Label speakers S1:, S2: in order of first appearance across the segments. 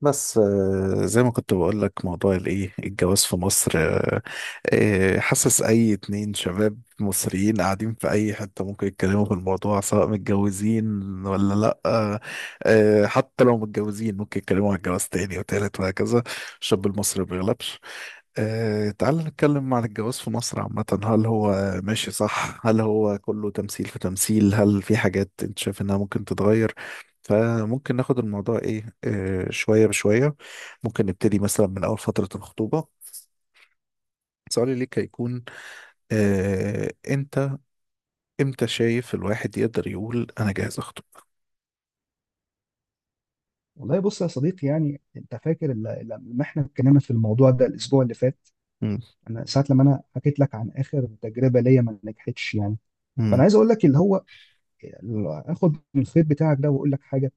S1: بس، زي ما كنت بقول لك، موضوع الايه الجواز في مصر. حاسس اي اتنين شباب مصريين قاعدين في اي حتة ممكن يتكلموا في الموضوع، سواء متجوزين ولا لا. حتى لو متجوزين ممكن يتكلموا عن الجواز تاني وتالت وهكذا. الشاب المصري ما بيغلبش. تعال نتكلم عن الجواز في مصر عامة. هل هو ماشي؟ صح. هل هو كله تمثيل في تمثيل؟ هل في حاجات انت شايف انها ممكن تتغير؟ فممكن ناخد الموضوع ايه شوية بشوية. ممكن نبتدي مثلا من أول فترة الخطوبة. سؤالي ليك هيكون، انت امتى شايف الواحد يقدر يقول انا جاهز اخطب؟
S2: والله بص يا صديقي يعني انت فاكر لما احنا اتكلمنا في الموضوع ده الاسبوع اللي فات.
S1: مم.
S2: انا ساعه لما انا حكيت لك عن اخر تجربه ليا ما نجحتش يعني، فانا
S1: مم.
S2: عايز اقول لك اللي هو اللي اخد من الخيط بتاعك ده واقول لك حاجه.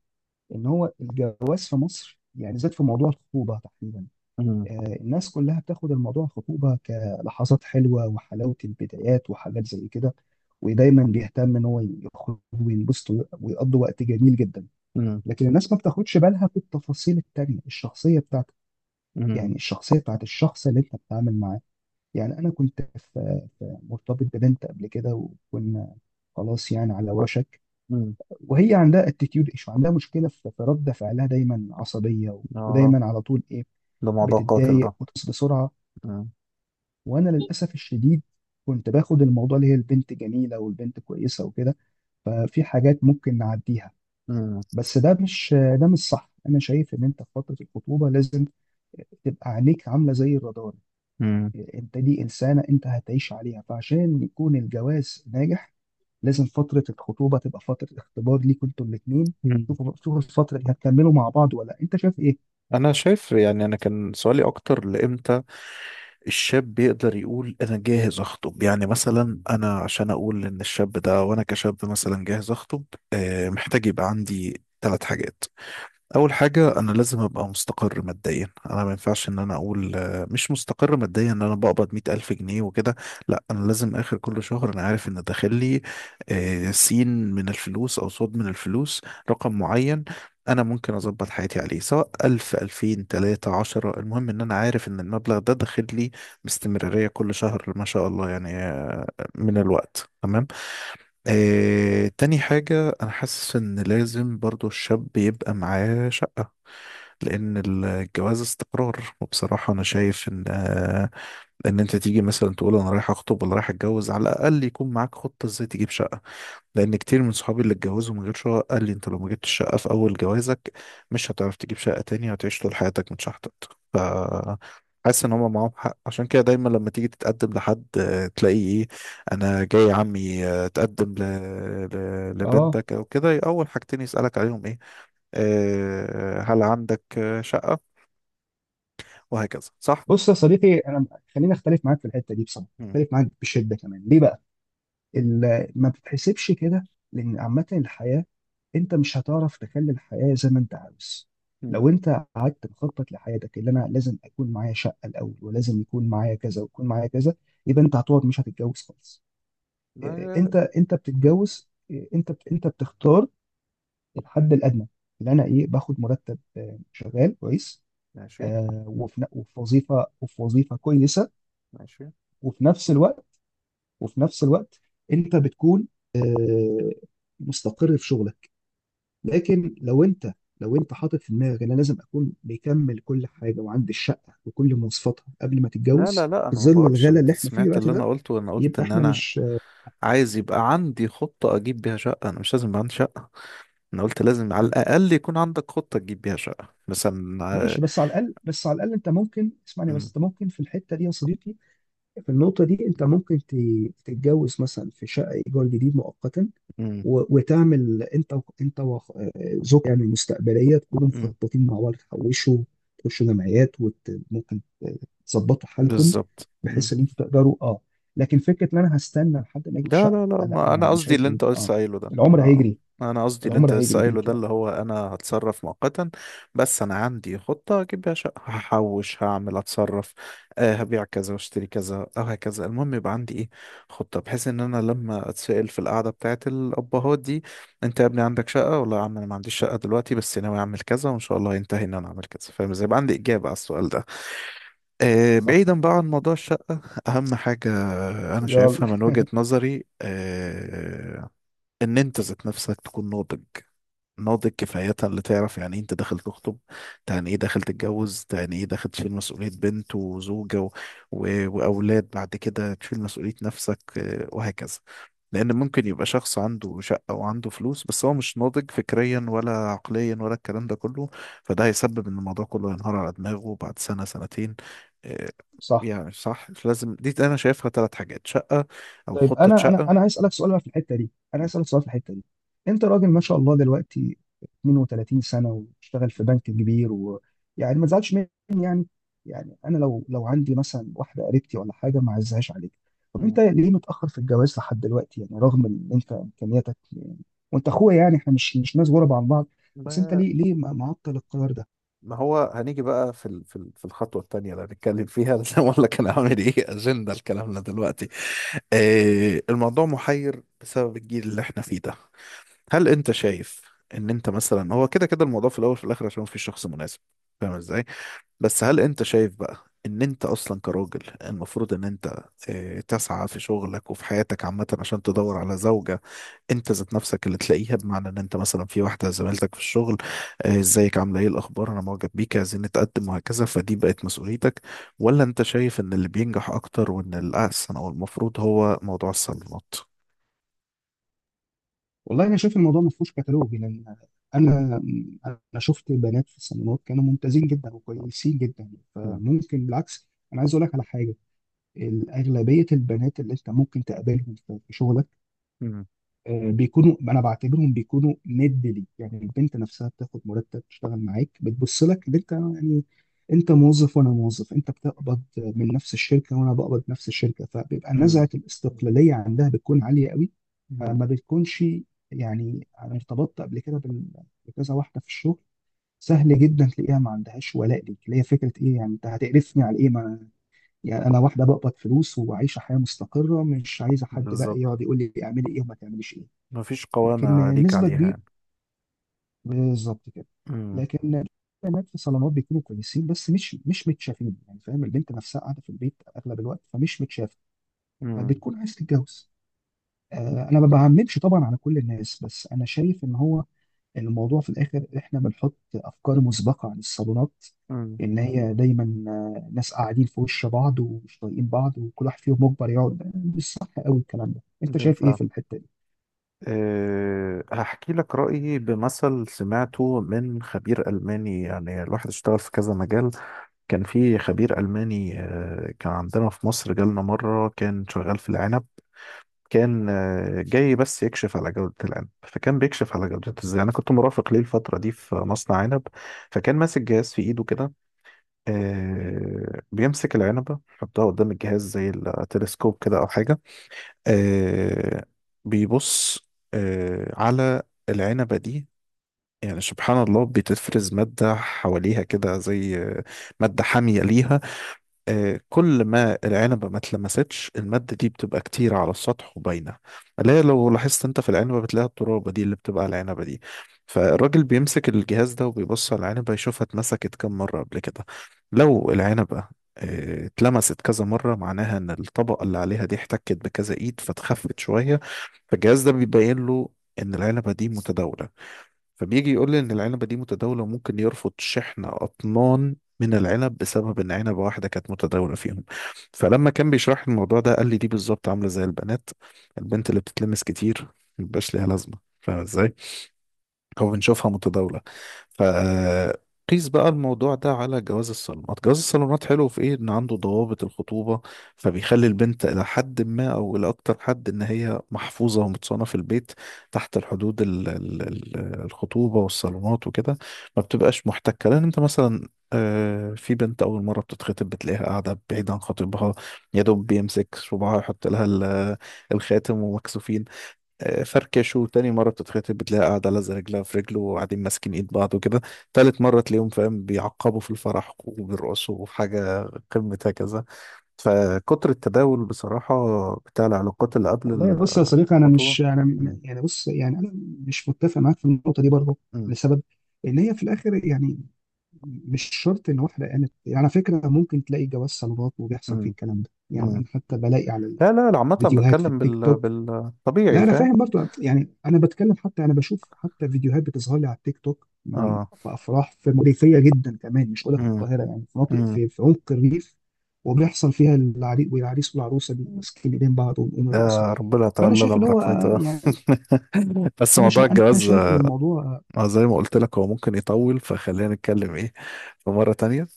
S2: ان هو الجواز في مصر يعني زاد، في موضوع الخطوبه تحديدا
S1: مم.
S2: الناس كلها بتاخد الموضوع الخطوبه كلحظات حلوه وحلاوه البدايات وحاجات زي كده، ودايما بيهتم ان هو يخرج وينبسط ويقضي وقت جميل جدا.
S1: مم.
S2: لكن الناس ما بتاخدش بالها في التفاصيل التانيه، الشخصيه بتاعته
S1: مم.
S2: يعني الشخصيه بتاعت الشخص اللي انت بتتعامل معاه. يعني انا كنت في مرتبط ببنت قبل كده، وكنا خلاص يعني على وشك،
S1: مم.
S2: وهي عندها اتيتيود ايشو، عندها مشكله في رد فعلها، دايما عصبيه و-
S1: اه،
S2: ودايما على طول ايه،
S1: ده موضوع قاتل ده.
S2: بتتضايق وتصل بسرعه.
S1: مم.
S2: وانا للاسف الشديد كنت باخد الموضوع اللي هي البنت جميله والبنت كويسه وكده، ففي حاجات ممكن نعديها.
S1: مم.
S2: بس ده مش صح. انا شايف ان انت في فتره الخطوبه لازم تبقى عينيك عامله زي الرادار.
S1: مم.
S2: انت دي انسانه انت هتعيش عليها، فعشان يكون الجواز ناجح لازم فتره الخطوبه تبقى فتره اختبار ليكوا انتوا الاثنين.
S1: مم.
S2: شوفوا شوفوا الفتره دي هتكملوا مع بعض ولا لأ. انت شايف ايه؟
S1: انا شايف، يعني انا كان سؤالي اكتر، لامتى الشاب بيقدر يقول انا جاهز اخطب؟ يعني مثلا انا، عشان اقول ان الشاب ده وانا كشاب مثلا جاهز اخطب، محتاج يبقى عندي ثلاث حاجات. اول حاجه، انا لازم ابقى مستقر ماديا. انا ما ينفعش ان انا اقول مش مستقر ماديا ان انا بقبض 100 الف جنيه وكده. لا، انا لازم اخر كل شهر انا عارف ان داخل لي سين من الفلوس او صاد من الفلوس، رقم معين انا ممكن اظبط حياتي عليه، سواء الف الفين تلاتة عشرة، المهم ان انا عارف ان المبلغ ده داخل لي باستمرارية كل شهر ما شاء الله، يعني من الوقت تمام. تاني حاجة، أنا حاسس إن لازم برضو الشاب يبقى معاه شقة. لان الجواز استقرار، وبصراحه انا شايف ان، ان انت تيجي مثلا تقول انا رايح اخطب ولا رايح اتجوز، على الاقل يكون معاك خطه ازاي تجيب شقه. لان كتير من صحابي اللي اتجوزوا من غير شقه قال لي: انت لو ما جبتش شقه في اول جوازك، مش هتعرف تجيب شقه تانية، وهتعيش طول حياتك متشحطط. ف حاسس ان هم معاهم حق. عشان كده دايما لما تيجي تتقدم لحد، تلاقيه ايه، انا جاي عمي اتقدم
S2: اه.
S1: لبنتك او كده. اول حاجتين يسالك عليهم إيه؟ هل عندك شقة؟ وهكذا، صح.
S2: بص يا صديقي انا خليني اختلف معاك في الحته دي، بصراحه
S1: مم.
S2: اختلف معاك بشده كمان. ليه بقى؟ ما بتتحسبش كده، لان عامه الحياه انت مش هتعرف تخلي الحياه زي ما انت عاوز.
S1: مم.
S2: لو انت قعدت مخطط لحياتك اللي انا لازم اكون معايا شقه الاول، ولازم يكون معايا كذا، ويكون معايا كذا، يبقى
S1: مم.
S2: انت هتقعد مش هتتجوز خالص.
S1: ما-
S2: انت
S1: مم.
S2: بتتجوز، انت بتختار الحد الادنى، اللي انا ايه باخد مرتب، شغال كويس،
S1: ماشي.
S2: وفي وظيفه، وفي وظيفه كويسه.
S1: ماشي.
S2: وفي نفس الوقت وفي نفس الوقت انت بتكون آه، مستقر في شغلك. لكن لو انت لو انت حاطط في دماغك ان انا لازم اكون بيكمل كل حاجه وعندي الشقه وكل مواصفاتها قبل ما
S1: لا لا
S2: تتجوز
S1: لا،
S2: في
S1: انا ما
S2: ظل
S1: بقولش،
S2: الغلا اللي
S1: انت
S2: احنا فيه
S1: سمعت
S2: دلوقتي
S1: اللي انا
S2: ده،
S1: قلته. وانا قلت
S2: يبقى
S1: ان
S2: احنا
S1: انا
S2: مش.
S1: عايز يبقى عندي خطة اجيب بيها شقة، انا مش لازم يبقى عندي شقة. انا قلت لازم على
S2: آه،
S1: الاقل يكون عندك خطة تجيب بيها شقة مثلا. آه،
S2: ماشي بس على الاقل، بس على الاقل انت ممكن اسمعني، بس
S1: مم.
S2: انت ممكن في الحته دي يا صديقي، في النقطه دي انت تتجوز مثلا في شقه ايجار جديد مؤقتا،
S1: مم.
S2: و- وتعمل انت زوجتك يعني المستقبليه تكونوا
S1: مم.
S2: مخططين مع بعض، تحوشوا، تخشوا جمعيات، وممكن تظبطوا حالكم
S1: بالظبط. مم.
S2: بحيث ان انتوا تقدروا. اه لكن فكره ان انا هستنى لحد ما اجيب
S1: لا
S2: شقه،
S1: لا لا،
S2: لا.
S1: ما
S2: انا
S1: انا
S2: انا
S1: قصدي
S2: شايف
S1: اللي
S2: ان
S1: انت لسه قايله ده،
S2: العمر
S1: انا
S2: هيجري،
S1: انا قصدي اللي
S2: العمر
S1: انت لسه
S2: هيجري
S1: قايله
S2: بيك
S1: ده
S2: يعني.
S1: اللي هو، انا هتصرف مؤقتا، بس انا عندي خطة اجيب بيها شقة، هحوش، هعمل، اتصرف، آه هبيع كذا واشتري كذا او هكذا. المهم يبقى عندي ايه؟ خطة. بحيث ان انا لما اتسأل في القعدة بتاعت الابهات دي: انت يا ابني عندك شقة؟ ولا يا عم انا ما عنديش شقة دلوقتي، بس ناوي اعمل كذا، وان شاء الله ينتهي ان انا اعمل كذا. فاهم ازاي؟ يبقى عندي اجابة على السؤال ده.
S2: صح.
S1: بعيدا بقى عن موضوع الشقة، أهم حاجة أنا
S2: يلا.
S1: شايفها من وجهة نظري، ان انت ذات نفسك تكون ناضج. ناضج كفاية اللي تعرف يعني ايه انت داخل تخطب، يعني ايه داخل تتجوز، يعني ايه داخل تشيل مسؤولية بنت وزوجة و... واولاد، بعد كده تشيل مسؤولية نفسك، وهكذا. لان ممكن يبقى شخص عنده شقة وعنده فلوس، بس هو مش ناضج فكريا ولا عقليا ولا الكلام ده كله. فده هيسبب ان الموضوع كله ينهار على دماغه بعد سنة سنتين. آه،
S2: صح.
S1: يعني صح. لازم دي، انا شايفها ثلاث حاجات: شقة او
S2: طيب
S1: خطة
S2: انا انا
S1: شقة.
S2: انا عايز اسالك سؤال بقى في الحته دي، انا
S1: مم.
S2: عايز اسالك سؤال في الحته دي. انت راجل ما شاء الله دلوقتي 32 سنه، واشتغل في بنك كبير، ويعني ما تزعلش مني يعني. يعني انا لو عندي مثلا واحده قريبتي ولا حاجه، ما اعزهاش عليك، طب
S1: مم.
S2: انت ليه متاخر في الجواز لحد دلوقتي يعني، رغم ان انت امكانياتك يعني، وانت اخويا يعني احنا مش ناس غرب عن بعض. بس انت
S1: ما
S2: ليه معطل القرار ده؟
S1: ما هو هنيجي بقى في الخطوة التانية اللي هنتكلم فيها. لازم اقول لك انا عامل ايه اجندة لكلامنا دلوقتي. آه الموضوع محير بسبب الجيل اللي احنا فيه ده. هل انت شايف ان انت مثلا، هو كده كده الموضوع في الاول وفي الاخر عشان مفيش شخص مناسب، فاهم ازاي؟ بس هل انت شايف بقى ان انت اصلا كراجل المفروض ان انت تسعى في شغلك وفي حياتك عامة عشان تدور على زوجة، انت ذات نفسك اللي تلاقيها، بمعنى ان انت مثلا في واحدة زميلتك في الشغل، ازيك، عاملة ايه، الاخبار، انا معجب بيك، عايزين نتقدم وهكذا، فدي بقت مسؤوليتك؟ ولا انت شايف ان اللي بينجح اكتر وان الاحسن او المفروض هو موضوع الصالونات؟
S2: والله انا شايف الموضوع ما فيهوش كتالوج، لان انا انا شفت بنات في الصالونات كانوا ممتازين جدا وكويسين جدا،
S1: مم.
S2: فممكن بالعكس انا عايز اقول لك على حاجه. اغلبيه البنات اللي انت ممكن تقابلهم في شغلك
S1: مم.
S2: بيكونوا، انا بعتبرهم بيكونوا ند ليك. يعني البنت نفسها بتاخد مرتب، تشتغل معاك، بتبص لك ان انت يعني انت موظف وانا موظف، انت بتقبض من نفس الشركه وانا بقبض من نفس الشركه، فبيبقى
S1: مم.
S2: نزعه الاستقلاليه عندها بتكون عاليه قوي.
S1: مم.
S2: فما بتكونش يعني. انا ارتبطت قبل كده بكذا واحده في الشغل، سهل جدا تلاقيها ما عندهاش ولاء ليك، اللي هي فكره ايه، يعني انت هتقرفني على ايه ما، يعني انا واحده بقبض فلوس وعايشه حياه مستقره، مش عايزه حد بقى
S1: بالظبط.
S2: يقعد يقول لي اعملي ايه وما تعمليش ايه.
S1: مفيش
S2: لكن
S1: قوامة ليك
S2: نسبة
S1: عليها
S2: كبيرة،
S1: يعني.
S2: بالظبط كده.
S1: مم.
S2: لكن البنات في صالونات بيكونوا كويسين، بس مش متشافين يعني، فاهم؟ البنت نفسها قاعدة في البيت أغلب الوقت فمش متشافة،
S1: مم.
S2: فبتكون عايز تتجوز. أنا ما بعممش طبعا على كل الناس، بس أنا شايف إن هو الموضوع في الآخر إحنا بنحط أفكار مسبقة عن الصالونات،
S1: مم.
S2: إن هي دايما ناس قاعدين في وش بعض ومش طايقين بعض، وكل واحد فيهم مجبر يقعد. مش صح قوي الكلام ده. أنت شايف إيه
S1: بالفعل.
S2: في الحتة دي؟
S1: أه هحكي لك رأيي بمثل سمعته من خبير ألماني، يعني الواحد اشتغل في كذا مجال. كان في خبير ألماني أه كان عندنا في مصر، جالنا مرة، كان شغال في العنب، كان أه جاي بس يكشف على جودة العنب. فكان بيكشف على جودته ازاي، أنا كنت مرافق ليه الفترة دي في مصنع عنب، فكان ماسك جهاز في إيده كده، أه بيمسك العنبة يحطها قدام الجهاز زي التلسكوب كده أو حاجة. آه بيبص على العنبة دي، يعني سبحان الله بتفرز مادة حواليها كده، زي مادة حامية ليها. كل ما العنبة ما اتلمستش، المادة دي بتبقى كتير على السطح وباينة، اللي هي لو لاحظت انت في العنبة بتلاقي الترابة دي اللي بتبقى على العنبة دي. فالراجل بيمسك الجهاز ده وبيبص على العنبة يشوفها اتمسكت كم مرة قبل كده. لو العنبة اتلمست كذا مرة، معناها ان الطبقة اللي عليها دي احتكت بكذا ايد فتخفت شوية. فالجهاز ده بيبين له ان العنبة دي متداولة. فبيجي يقول لي ان العنبه دي متداوله، وممكن يرفض شحن اطنان من العنب بسبب ان عنبه واحده كانت متداوله فيهم. فلما كان بيشرح لي الموضوع ده قال لي دي بالظبط عامله زي البنات. البنت اللي بتتلمس كتير مبيبقاش ليها لازمه، فاهم ازاي، او بنشوفها متداولة. فقيس بقى الموضوع ده على جواز الصالونات. جواز الصالونات حلو في ايه؟ ان عنده ضوابط، الخطوبة فبيخلي البنت الى حد ما او الى اكتر حد ان هي محفوظة ومتصانة في البيت، تحت الحدود ال ال ال الخطوبة والصالونات وكده، ما بتبقاش محتكة. لان انت مثلا، في بنت أول مرة بتتخطب بتلاقيها قاعدة بعيد عن خطيبها، يا دوب بيمسك صباعها يحط لها الخاتم، ومكسوفين، فركش. وتاني مرة بتتخطب بتلاقيها قاعدة لازقة رجلها في رجله، وقاعدين ماسكين ايد بعض وكده. تالت مرة تلاقيهم، فاهم، بيعقبوا في الفرح وبيرقصوا حاجة قمة هكذا. فكتر التداول بصراحة، بتاع العلاقات اللي
S2: والله
S1: قبل
S2: بص يا صديقي انا
S1: الخطوبة.
S2: مش انا
S1: مم.
S2: يعني بص يعني انا مش متفق معاك في النقطه دي برضه،
S1: مم.
S2: لسبب ان هي في الاخر يعني مش شرط ان واحده قامت يعني. على فكره ممكن تلاقي جواز صالونات وبيحصل فيه
S1: مم.
S2: الكلام ده، يعني
S1: مم.
S2: انا حتى بلاقي على
S1: لا لا لا، عامة
S2: الفيديوهات في
S1: بتكلم
S2: التيك توك. لا
S1: بالطبيعي،
S2: انا
S1: فاهم.
S2: فاهم برضو، يعني انا بتكلم، حتى انا بشوف حتى فيديوهات بتظهر لي على التيك توك من
S1: اه.
S2: في افراح في ريفيه جدا كمان، مش هقول لك
S1: مم.
S2: القاهره يعني، في مناطق
S1: مم.
S2: في عمق الريف، وبيحصل فيها العريس والعريس والعروسه ماسكين ايدين بعض، ويقوموا يرقصوا.
S1: آه ربنا
S2: فانا
S1: يتولانا
S2: شايف اللي هو
S1: برحمته.
S2: يعني
S1: بس
S2: انا
S1: موضوع الجواز،
S2: شايف ان الموضوع
S1: زي ما قلت لك هو ممكن يطول، فخلينا نتكلم ايه في مرة تانية.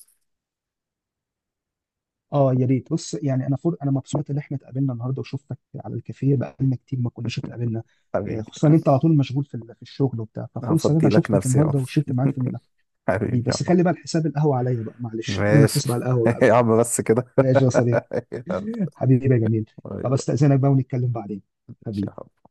S2: يا ريت. بص يعني انا مبسوط ان احنا اتقابلنا النهارده وشفتك على الكافيه، بقالنا كتير ما كناش اتقابلنا،
S1: حبيبي.
S2: خصوصا ان انت على طول مشغول في الشغل وبتاع، ففرصه ان
S1: هفضي
S2: انا
S1: لك
S2: شفتك
S1: نفسي يا عم.
S2: النهارده وشربت معاك في بيه.
S1: حبيبي يا
S2: بس
S1: عم.
S2: خلي بقى الحساب القهوه عليا بقى، معلش انا اللي
S1: ماشي.
S2: هحاسب على القهوه
S1: يا
S2: بقى.
S1: عم بس كده.
S2: ماشي يا صديقي.
S1: يلا.
S2: حبيبي يا جميل. طب
S1: ايوه.
S2: استاذنك بقى ونتكلم بعدين.
S1: ماشي يا
S2: حبيبي.
S1: حبيبي.